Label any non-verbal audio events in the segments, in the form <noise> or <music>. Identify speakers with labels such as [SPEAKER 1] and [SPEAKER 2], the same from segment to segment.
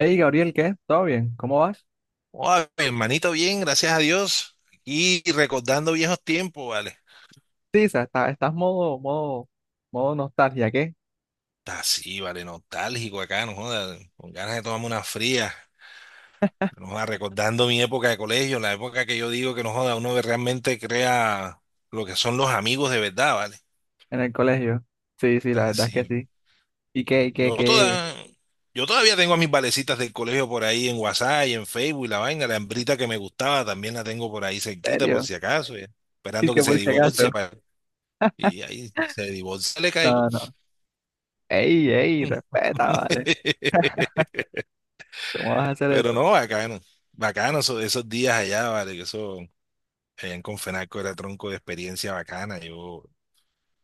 [SPEAKER 1] Hey Gabriel, ¿qué? ¿Todo bien? ¿Cómo vas?
[SPEAKER 2] Oa, mi hermanito, bien, gracias a Dios. Y recordando viejos tiempos, vale.
[SPEAKER 1] Sí, o sea, estás modo, modo nostalgia, ¿qué?
[SPEAKER 2] Está sí, vale, nostálgico acá, no joda, con ganas de tomarme una fría. No joda, recordando mi época de colegio, la época que yo digo que no joda, uno realmente crea lo que son los amigos de verdad, vale.
[SPEAKER 1] En el colegio. Sí, sí, la
[SPEAKER 2] Está
[SPEAKER 1] verdad es
[SPEAKER 2] sí,
[SPEAKER 1] que
[SPEAKER 2] vale.
[SPEAKER 1] sí. ¿Y qué, qué,
[SPEAKER 2] Yo
[SPEAKER 1] qué? ¿En
[SPEAKER 2] toda, yo todavía tengo a mis valecitas del colegio por ahí en WhatsApp y en Facebook y la vaina, la hembrita que me gustaba también la tengo por ahí cerquita por
[SPEAKER 1] serio?
[SPEAKER 2] si acaso, ya,
[SPEAKER 1] ¿Y
[SPEAKER 2] esperando que
[SPEAKER 1] que
[SPEAKER 2] se
[SPEAKER 1] por si
[SPEAKER 2] divorcie
[SPEAKER 1] acaso?
[SPEAKER 2] para... Y ahí se divorcia, le caigo.
[SPEAKER 1] No, no. Ey, ey,
[SPEAKER 2] Mm.
[SPEAKER 1] respeta, vale.
[SPEAKER 2] <laughs>
[SPEAKER 1] ¿Cómo vas a hacer
[SPEAKER 2] Pero
[SPEAKER 1] eso?
[SPEAKER 2] no, bacano. Bacano esos días allá, vale, que eso allá en Confenalco era tronco de experiencia bacana. Yo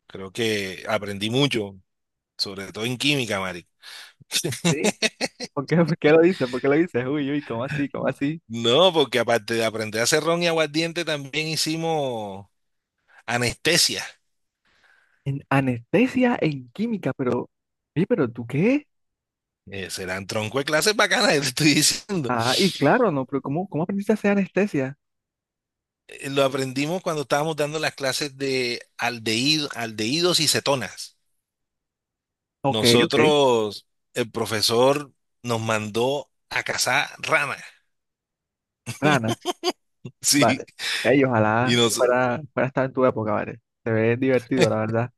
[SPEAKER 2] creo que aprendí mucho, sobre todo en química, Mari. <laughs>
[SPEAKER 1] Sí. ¿Por qué lo dices? ¿Por qué lo dices? Uy, uy, ¿cómo así? ¿Cómo así?
[SPEAKER 2] No, porque aparte de aprender a hacer ron y aguardiente, también hicimos anestesia.
[SPEAKER 1] En anestesia en química, pero, oye, pero ¿tú qué?
[SPEAKER 2] Serán tronco de clases bacanas, <laughs> te estoy diciendo.
[SPEAKER 1] Ah, y claro, no, pero ¿cómo aprendiste a hacer anestesia?
[SPEAKER 2] Lo aprendimos cuando estábamos dando las clases de aldehídos y cetonas.
[SPEAKER 1] Ok, ok.
[SPEAKER 2] Nosotros, el profesor nos mandó a cazar ranas.
[SPEAKER 1] Rana.
[SPEAKER 2] <laughs> Sí,
[SPEAKER 1] Vale. Ey, ojalá
[SPEAKER 2] y nos,
[SPEAKER 1] para estar en tu época, vale. Se ve divertido, la verdad.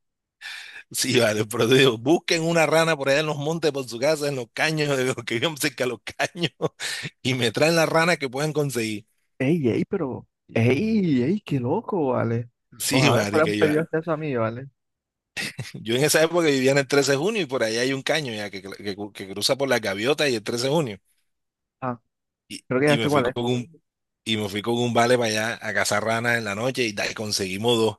[SPEAKER 2] sí, vale, pero digo, busquen una rana por allá en los montes, por su casa, en los caños, <laughs> de los que vivan cerca de los caños, <laughs> y me traen la rana que puedan conseguir.
[SPEAKER 1] Ey, ey, pero. Ey, ey, qué loco, vale.
[SPEAKER 2] Sí,
[SPEAKER 1] Ojalá fuera
[SPEAKER 2] marica,
[SPEAKER 1] un
[SPEAKER 2] yo,
[SPEAKER 1] pedido de acceso a mí, vale.
[SPEAKER 2] yo en esa época vivía en el 13 de junio y por allá hay un caño ya que, que cruza por la gaviota y el 13 de junio.
[SPEAKER 1] Ah,
[SPEAKER 2] Y,
[SPEAKER 1] creo que
[SPEAKER 2] y
[SPEAKER 1] ya
[SPEAKER 2] me
[SPEAKER 1] sé
[SPEAKER 2] fui
[SPEAKER 1] cuál es.
[SPEAKER 2] con un, y me fui con un vale para allá a cazar ranas en la noche y, y conseguimos dos.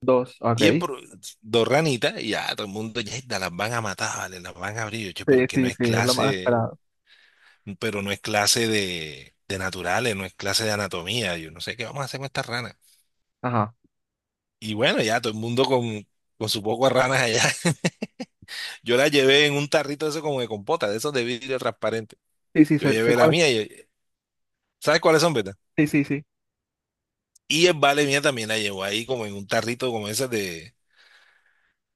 [SPEAKER 1] Dos,
[SPEAKER 2] Y el
[SPEAKER 1] ok.
[SPEAKER 2] pro- Dos ranitas, y ya todo el mundo, ya las van a matar, vale, las van a abrir, yo, che,
[SPEAKER 1] Sí,
[SPEAKER 2] porque no
[SPEAKER 1] sí,
[SPEAKER 2] es
[SPEAKER 1] sí, es lo más
[SPEAKER 2] clase,
[SPEAKER 1] esperado.
[SPEAKER 2] pero no es clase de naturales, no es clase de anatomía, yo no sé qué vamos a hacer con estas ranas.
[SPEAKER 1] Ajá.
[SPEAKER 2] Y bueno, ya todo el mundo con su poco de ranas allá. <laughs> Yo la llevé en un tarrito de eso como de compota, de esos de vidrio transparente.
[SPEAKER 1] Sí, sí,
[SPEAKER 2] Yo
[SPEAKER 1] sé
[SPEAKER 2] llevé la
[SPEAKER 1] cuál es.
[SPEAKER 2] mía, y, ¿sabes cuáles son, verdad?
[SPEAKER 1] Sí, sí, sí.
[SPEAKER 2] Y el vale mía también la llevó ahí como en un tarrito como ese de,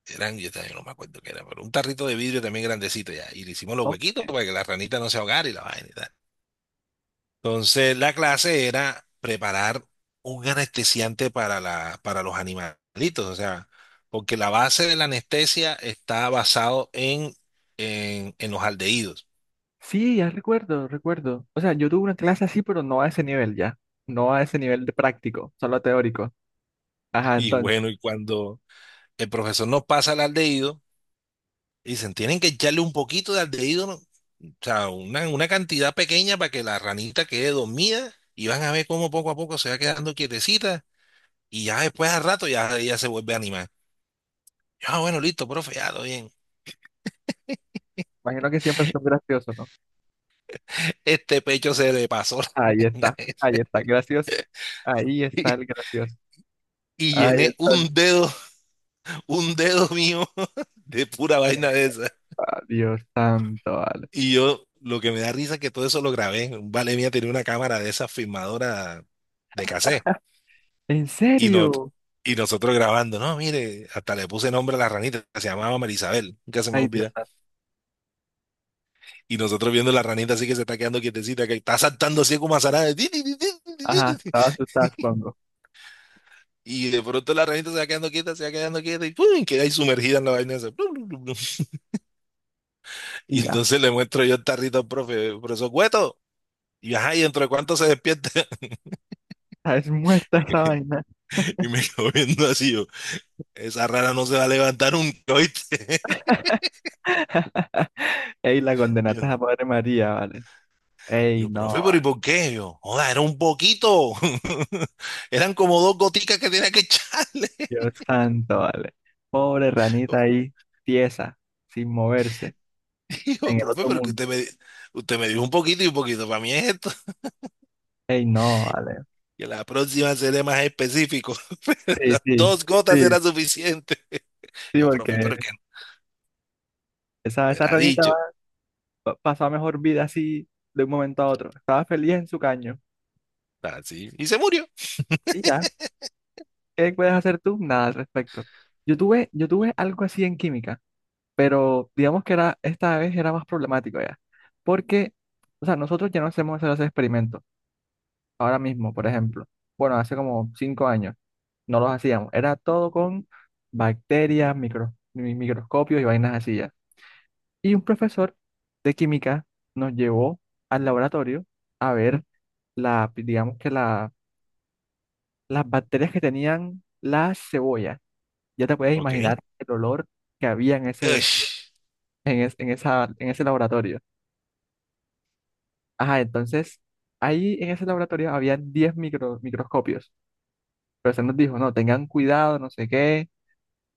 [SPEAKER 2] eran, yo también no me acuerdo qué era, pero un tarrito de vidrio también grandecito ya. Y le hicimos los
[SPEAKER 1] Oh,
[SPEAKER 2] huequitos para que la ranita no se ahogara y la vaina y tal. Entonces, la clase era preparar un anestesiante para, la, para los animalitos, o sea, porque la base de la anestesia está basado en, en los aldehídos.
[SPEAKER 1] sí, ya recuerdo. O sea, yo tuve una clase así, pero no a ese nivel ya. No a ese nivel de práctico, solo teórico.
[SPEAKER 2] <laughs>
[SPEAKER 1] Ajá,
[SPEAKER 2] Y
[SPEAKER 1] entonces.
[SPEAKER 2] bueno, y cuando el profesor nos pasa el aldehído, dicen, tienen que echarle un poquito de aldehído, ¿no? O sea, una cantidad pequeña para que la ranita quede dormida y van a ver cómo poco a poco se va quedando quietecita y ya después al rato ya ella se vuelve a animar. Yo, ah, bueno, listo, profe, ya, todo bien.
[SPEAKER 1] Imagino que siempre son graciosos.
[SPEAKER 2] <laughs> Este pecho se le pasó
[SPEAKER 1] Ahí
[SPEAKER 2] la <laughs>
[SPEAKER 1] está, ahí está, gracioso. Ahí
[SPEAKER 2] y,
[SPEAKER 1] está el gracioso.
[SPEAKER 2] y
[SPEAKER 1] Ahí
[SPEAKER 2] llené
[SPEAKER 1] está el...
[SPEAKER 2] un dedo mío <laughs> de pura vaina de esa.
[SPEAKER 1] Ah, Dios santo, vale.
[SPEAKER 2] Y yo, lo que me da risa es que todo eso lo grabé. Un vale mía tenía una cámara de esa filmadora de cassette.
[SPEAKER 1] ¿En
[SPEAKER 2] Y,
[SPEAKER 1] serio?
[SPEAKER 2] y nosotros grabando, no, mire, hasta le puse nombre a la ranita, se llamaba Marisabel, nunca se me
[SPEAKER 1] Ay, Dios
[SPEAKER 2] olvida.
[SPEAKER 1] santo.
[SPEAKER 2] Y nosotros viendo la ranita así que se está quedando quietecita, que está saltando así como azarada. Di, di, di, di, di, di,
[SPEAKER 1] Ajá,
[SPEAKER 2] di. Di.
[SPEAKER 1] estaba asustada, supongo.
[SPEAKER 2] Y de pronto la ranita se va quedando quieta, se va quedando quieta y ¡pum! Queda ahí sumergida en la vaina esa. Plum, plum, plum, plum. Y
[SPEAKER 1] Y ya,
[SPEAKER 2] entonces le muestro yo el tarrito al profe, profesor Cueto. Y ajá, ¿y dentro de cuánto se despierta?
[SPEAKER 1] ah, es muerta esa
[SPEAKER 2] <laughs>
[SPEAKER 1] vaina.
[SPEAKER 2] Y me quedo viendo así yo, esa rana no se va a levantar nunca, ¿oíste? <laughs>
[SPEAKER 1] <laughs> Ey, la
[SPEAKER 2] Y
[SPEAKER 1] condenaste
[SPEAKER 2] yo,
[SPEAKER 1] a Padre María, vale.
[SPEAKER 2] y
[SPEAKER 1] Ey,
[SPEAKER 2] yo,
[SPEAKER 1] no,
[SPEAKER 2] profe, pero ¿y
[SPEAKER 1] vale.
[SPEAKER 2] por qué? Yo, joda, era un poquito. <laughs> Eran como dos goticas que tenía que echarle.
[SPEAKER 1] Dios santo, vale. Pobre
[SPEAKER 2] <laughs>
[SPEAKER 1] ranita
[SPEAKER 2] Yo,
[SPEAKER 1] ahí, tiesa, sin moverse,
[SPEAKER 2] "Hijo,
[SPEAKER 1] en el
[SPEAKER 2] profe,
[SPEAKER 1] otro
[SPEAKER 2] pero que
[SPEAKER 1] mundo.
[SPEAKER 2] usted me, usted me dijo un poquito y un poquito. Para mí es esto.
[SPEAKER 1] Ey, no, vale.
[SPEAKER 2] Que la próxima seré más específico. <laughs>
[SPEAKER 1] Sí,
[SPEAKER 2] Las
[SPEAKER 1] sí,
[SPEAKER 2] dos gotas
[SPEAKER 1] sí,
[SPEAKER 2] era suficiente.
[SPEAKER 1] sí,
[SPEAKER 2] Yo,
[SPEAKER 1] porque
[SPEAKER 2] profe, pero que
[SPEAKER 1] esa,
[SPEAKER 2] no
[SPEAKER 1] esa
[SPEAKER 2] era
[SPEAKER 1] ranita
[SPEAKER 2] dicho.
[SPEAKER 1] pasaba mejor vida así de un momento a otro. Estaba feliz en su caño.
[SPEAKER 2] Así. Y se murió.
[SPEAKER 1] Y ya, ¿qué puedes hacer tú? Nada al respecto. Yo tuve algo así en química, pero digamos que era, esta vez era más problemático ya. Porque, o sea, nosotros ya no hacemos esos experimentos. Ahora mismo, por ejemplo. Bueno, hace como 5 años no los hacíamos. Era todo con bacterias, microscopios y vainas así ya. Y un profesor de química nos llevó al laboratorio a ver la, digamos que la las bacterias que tenían la cebolla. Ya te puedes
[SPEAKER 2] Ok.
[SPEAKER 1] imaginar el olor que había en ese,
[SPEAKER 2] Ush.
[SPEAKER 1] en es- en esa, en ese laboratorio. Ajá, entonces ahí en ese laboratorio había 10 microscopios, pero se nos dijo, no, tengan cuidado, no sé qué,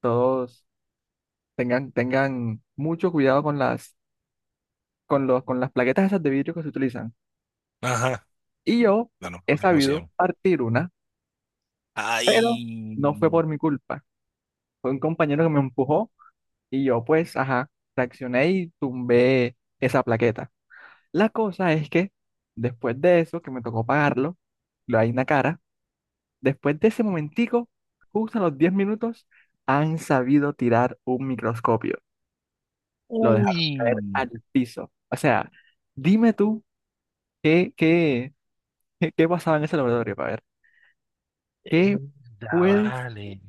[SPEAKER 1] todos tengan mucho cuidado con las plaquetas esas de vidrio que se utilizan.
[SPEAKER 2] Ajá.
[SPEAKER 1] Y yo
[SPEAKER 2] No, no, me
[SPEAKER 1] he
[SPEAKER 2] acuerdo, ¿cómo se
[SPEAKER 1] sabido
[SPEAKER 2] llama?
[SPEAKER 1] partir una, pero
[SPEAKER 2] Ay.
[SPEAKER 1] no fue por mi culpa. Fue un compañero que me empujó. Y yo pues, ajá, reaccioné y tumbé esa plaqueta. La cosa es que después de eso, que me tocó pagarlo, lo hay una cara, después de ese momentico, justo a los 10 minutos, han sabido tirar un microscopio. Lo dejaron caer
[SPEAKER 2] Uy.
[SPEAKER 1] al piso. O sea, dime tú qué, qué, qué pasaba en ese laboratorio, para ver, ¿qué
[SPEAKER 2] Ya,
[SPEAKER 1] puedes,
[SPEAKER 2] vale.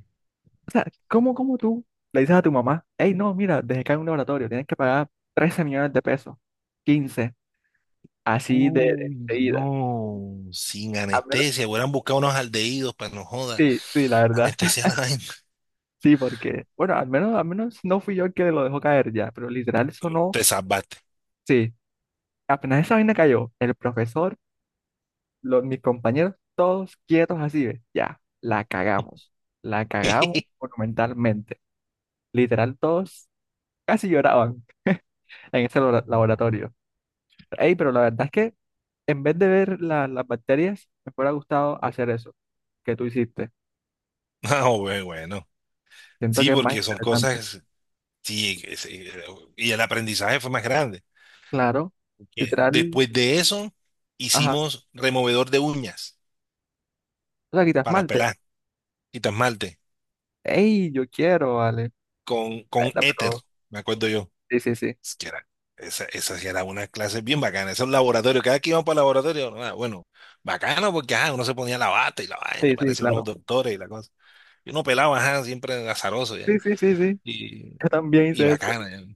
[SPEAKER 1] cómo tú le dices a tu mamá, hey, no, mira, dejé caer un laboratorio, tienes que pagar 13 millones de pesos, 15 así de
[SPEAKER 2] Uy,
[SPEAKER 1] ida.
[SPEAKER 2] no, sin
[SPEAKER 1] Al menos,
[SPEAKER 2] anestesia, hubieran buscado unos aldehídos para no joda,
[SPEAKER 1] sí, sí, la verdad.
[SPEAKER 2] anestesia <laughs>
[SPEAKER 1] <laughs>
[SPEAKER 2] la vaina.
[SPEAKER 1] Sí, porque, bueno, al menos no fui yo el que lo dejó caer ya, pero literal eso no,
[SPEAKER 2] Te salvaste.
[SPEAKER 1] sí, apenas esa vaina cayó, el profesor, los, mis compañeros, todos quietos así, ¿ves? Ya, la cagamos
[SPEAKER 2] <laughs>
[SPEAKER 1] monumentalmente. Literal, todos casi lloraban en ese
[SPEAKER 2] No,
[SPEAKER 1] laboratorio. Ey, pero la verdad es que en vez de ver las bacterias, me hubiera gustado hacer eso que tú hiciste.
[SPEAKER 2] no, bueno,
[SPEAKER 1] Siento
[SPEAKER 2] sí,
[SPEAKER 1] que es más
[SPEAKER 2] porque son
[SPEAKER 1] interesante.
[SPEAKER 2] cosas, sí, y el aprendizaje fue más grande.
[SPEAKER 1] Claro,
[SPEAKER 2] Que
[SPEAKER 1] literal,
[SPEAKER 2] después de eso,
[SPEAKER 1] ajá.
[SPEAKER 2] hicimos removedor de uñas
[SPEAKER 1] O sea, quita
[SPEAKER 2] para
[SPEAKER 1] esmalte.
[SPEAKER 2] pelar y esmalte
[SPEAKER 1] ¡Ey! Yo quiero, vale.
[SPEAKER 2] con
[SPEAKER 1] Bueno,
[SPEAKER 2] éter,
[SPEAKER 1] pero.
[SPEAKER 2] me acuerdo yo.
[SPEAKER 1] Sí, sí, sí.
[SPEAKER 2] Es que era, esa sí era una clase bien bacana, esos laboratorios, cada que íbamos para el laboratorio, ah, bueno, bacano porque ajá, uno se ponía la bata y la vaina,
[SPEAKER 1] Sí, sí,
[SPEAKER 2] parecía unos
[SPEAKER 1] claro.
[SPEAKER 2] doctores y la cosa. Y uno pelaba, ajá, siempre azaroso ya.
[SPEAKER 1] Sí, sí, sí, sí.
[SPEAKER 2] Y,
[SPEAKER 1] Yo también
[SPEAKER 2] y
[SPEAKER 1] hice eso.
[SPEAKER 2] bacana. Ya.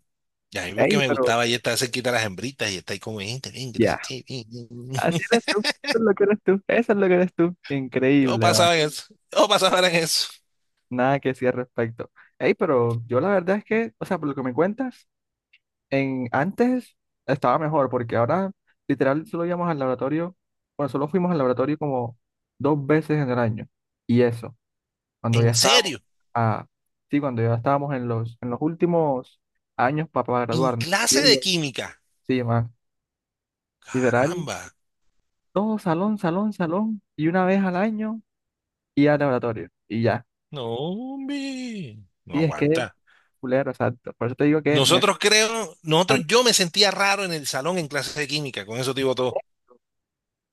[SPEAKER 2] Y a mí lo que
[SPEAKER 1] ¡Ey!
[SPEAKER 2] me
[SPEAKER 1] Pero.
[SPEAKER 2] gustaba y está cerquita a las hembritas y está ahí como gente, ven, que no sé
[SPEAKER 1] Ya.
[SPEAKER 2] qué. Ven, ven, ven".
[SPEAKER 1] Así
[SPEAKER 2] <laughs>
[SPEAKER 1] eres tú. Eso es lo que eres tú. Eso es lo que eres tú.
[SPEAKER 2] Yo
[SPEAKER 1] Increíble, vale.
[SPEAKER 2] pasaba en eso, yo pasaba en eso.
[SPEAKER 1] Nada que decir al respecto. ¡Ey! Pero yo la verdad es que, o sea, por lo que me cuentas, en antes estaba mejor, porque ahora literal solo íbamos al laboratorio. Bueno, solo fuimos al laboratorio como 2 veces en el año. Y eso cuando ya
[SPEAKER 2] En
[SPEAKER 1] estábamos,
[SPEAKER 2] serio,
[SPEAKER 1] ah, sí, cuando ya estábamos en los últimos años para
[SPEAKER 2] en
[SPEAKER 1] graduarnos. Y
[SPEAKER 2] clase de
[SPEAKER 1] ellos,
[SPEAKER 2] química.
[SPEAKER 1] sí, man, literal,
[SPEAKER 2] Caramba.
[SPEAKER 1] todo salón, y una vez al año y al laboratorio, y ya.
[SPEAKER 2] No, hombre. No
[SPEAKER 1] Sí, es que,
[SPEAKER 2] aguanta.
[SPEAKER 1] fulero, exacto. Por eso te digo que me...
[SPEAKER 2] Nosotros creo, nosotros,
[SPEAKER 1] an-
[SPEAKER 2] yo me sentía raro en el salón en clase de química, con eso te digo todo.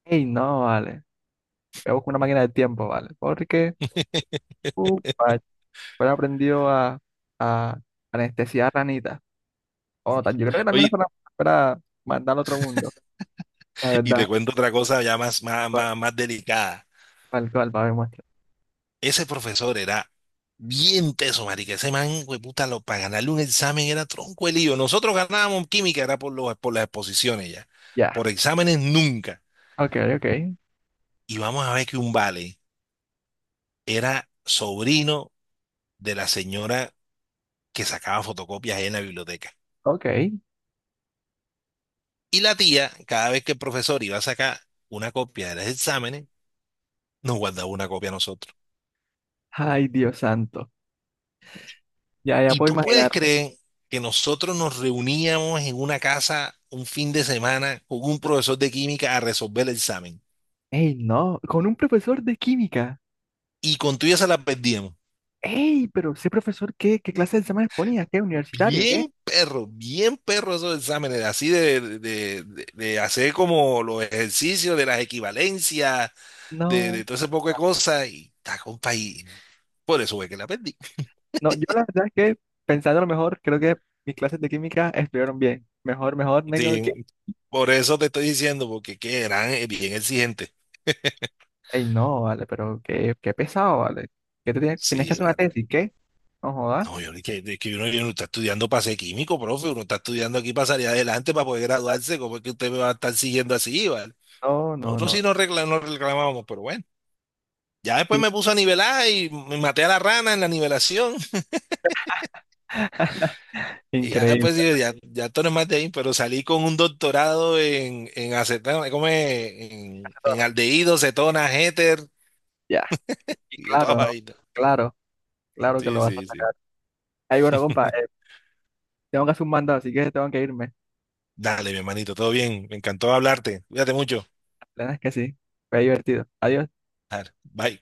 [SPEAKER 1] Ey, no, vale. Me busco una máquina del tiempo, vale. Porque,
[SPEAKER 2] <laughs>
[SPEAKER 1] vale, fuera aprendió a anestesiar a Anita. O no, yo creo que también es
[SPEAKER 2] Oye,
[SPEAKER 1] para mandar al otro mundo, la
[SPEAKER 2] y te
[SPEAKER 1] verdad.
[SPEAKER 2] cuento otra cosa ya más, más,
[SPEAKER 1] Tal
[SPEAKER 2] más, más delicada.
[SPEAKER 1] tal cual, para demostrar.
[SPEAKER 2] Ese profesor era bien teso, marica. Ese man, puta, lo, para ganarle un examen era tronco el lío. Nosotros ganábamos química, era por, los, por las exposiciones ya.
[SPEAKER 1] Ya.
[SPEAKER 2] Por exámenes nunca.
[SPEAKER 1] Ok, ok.
[SPEAKER 2] Y vamos a ver que un vale era sobrino de la señora que sacaba fotocopias ahí en la biblioteca.
[SPEAKER 1] Ok.
[SPEAKER 2] Y la tía, cada vez que el profesor iba a sacar una copia de los exámenes, nos guardaba una copia a nosotros.
[SPEAKER 1] Ay, Dios santo. Ya, ya
[SPEAKER 2] Y
[SPEAKER 1] puedo
[SPEAKER 2] tú puedes
[SPEAKER 1] imaginar.
[SPEAKER 2] creer que nosotros nos reuníamos en una casa un fin de semana con un profesor de química a resolver el examen.
[SPEAKER 1] Ey, no, con un profesor de química.
[SPEAKER 2] Y con tuya se la perdíamos.
[SPEAKER 1] Ey, pero ese profesor, ¿qué clase de exámenes ponía? ¿Qué? ¿Universitario? ¿Qué?
[SPEAKER 2] Bien perro esos exámenes, así de, de hacer como los ejercicios de las equivalencias,
[SPEAKER 1] No.
[SPEAKER 2] de todo ese poco de
[SPEAKER 1] Ah,
[SPEAKER 2] cosas. Y está, compa, y por eso fue que la perdí.
[SPEAKER 1] no, yo la verdad es que, pensando lo mejor, creo que mis clases de química estuvieron bien. Mejor, mejor, me quedo aquí.
[SPEAKER 2] Sí, por eso te estoy diciendo, porque que eran bien exigentes.
[SPEAKER 1] Ey, no, vale, pero qué pesado, vale. ¿Qué te tienes que
[SPEAKER 2] Sí,
[SPEAKER 1] hacer una
[SPEAKER 2] vale.
[SPEAKER 1] tesis? ¿Qué? No jodas.
[SPEAKER 2] No, yo ni que, de que uno, yo no está estudiando para ser químico, profe, uno está estudiando aquí para salir adelante, para poder
[SPEAKER 1] Ah,
[SPEAKER 2] graduarse, ¿cómo es que usted me va a estar siguiendo así, vale?
[SPEAKER 1] no, no,
[SPEAKER 2] Nosotros
[SPEAKER 1] no.
[SPEAKER 2] sí nos nos reclamábamos, pero bueno. Ya después
[SPEAKER 1] Sí,
[SPEAKER 2] me puso a nivelar y me maté a la rana en la nivelación. Y ya después
[SPEAKER 1] increíble.
[SPEAKER 2] dije, ya, ya esto no es más de ahí, pero salí con un doctorado en acetona, ¿cómo es? En aldehído, cetona, éter
[SPEAKER 1] Ya, y
[SPEAKER 2] y de toda
[SPEAKER 1] claro, no.
[SPEAKER 2] vaina.
[SPEAKER 1] Claro, claro que
[SPEAKER 2] Sí,
[SPEAKER 1] lo vas a
[SPEAKER 2] sí, sí.
[SPEAKER 1] sacar. Ay, bueno, compa. Tengo que hacer un mandado, así que tengo que irme.
[SPEAKER 2] Dale, mi hermanito, todo bien. Me encantó hablarte. Cuídate mucho.
[SPEAKER 1] La verdad es que sí. Fue divertido. Adiós.
[SPEAKER 2] Bye.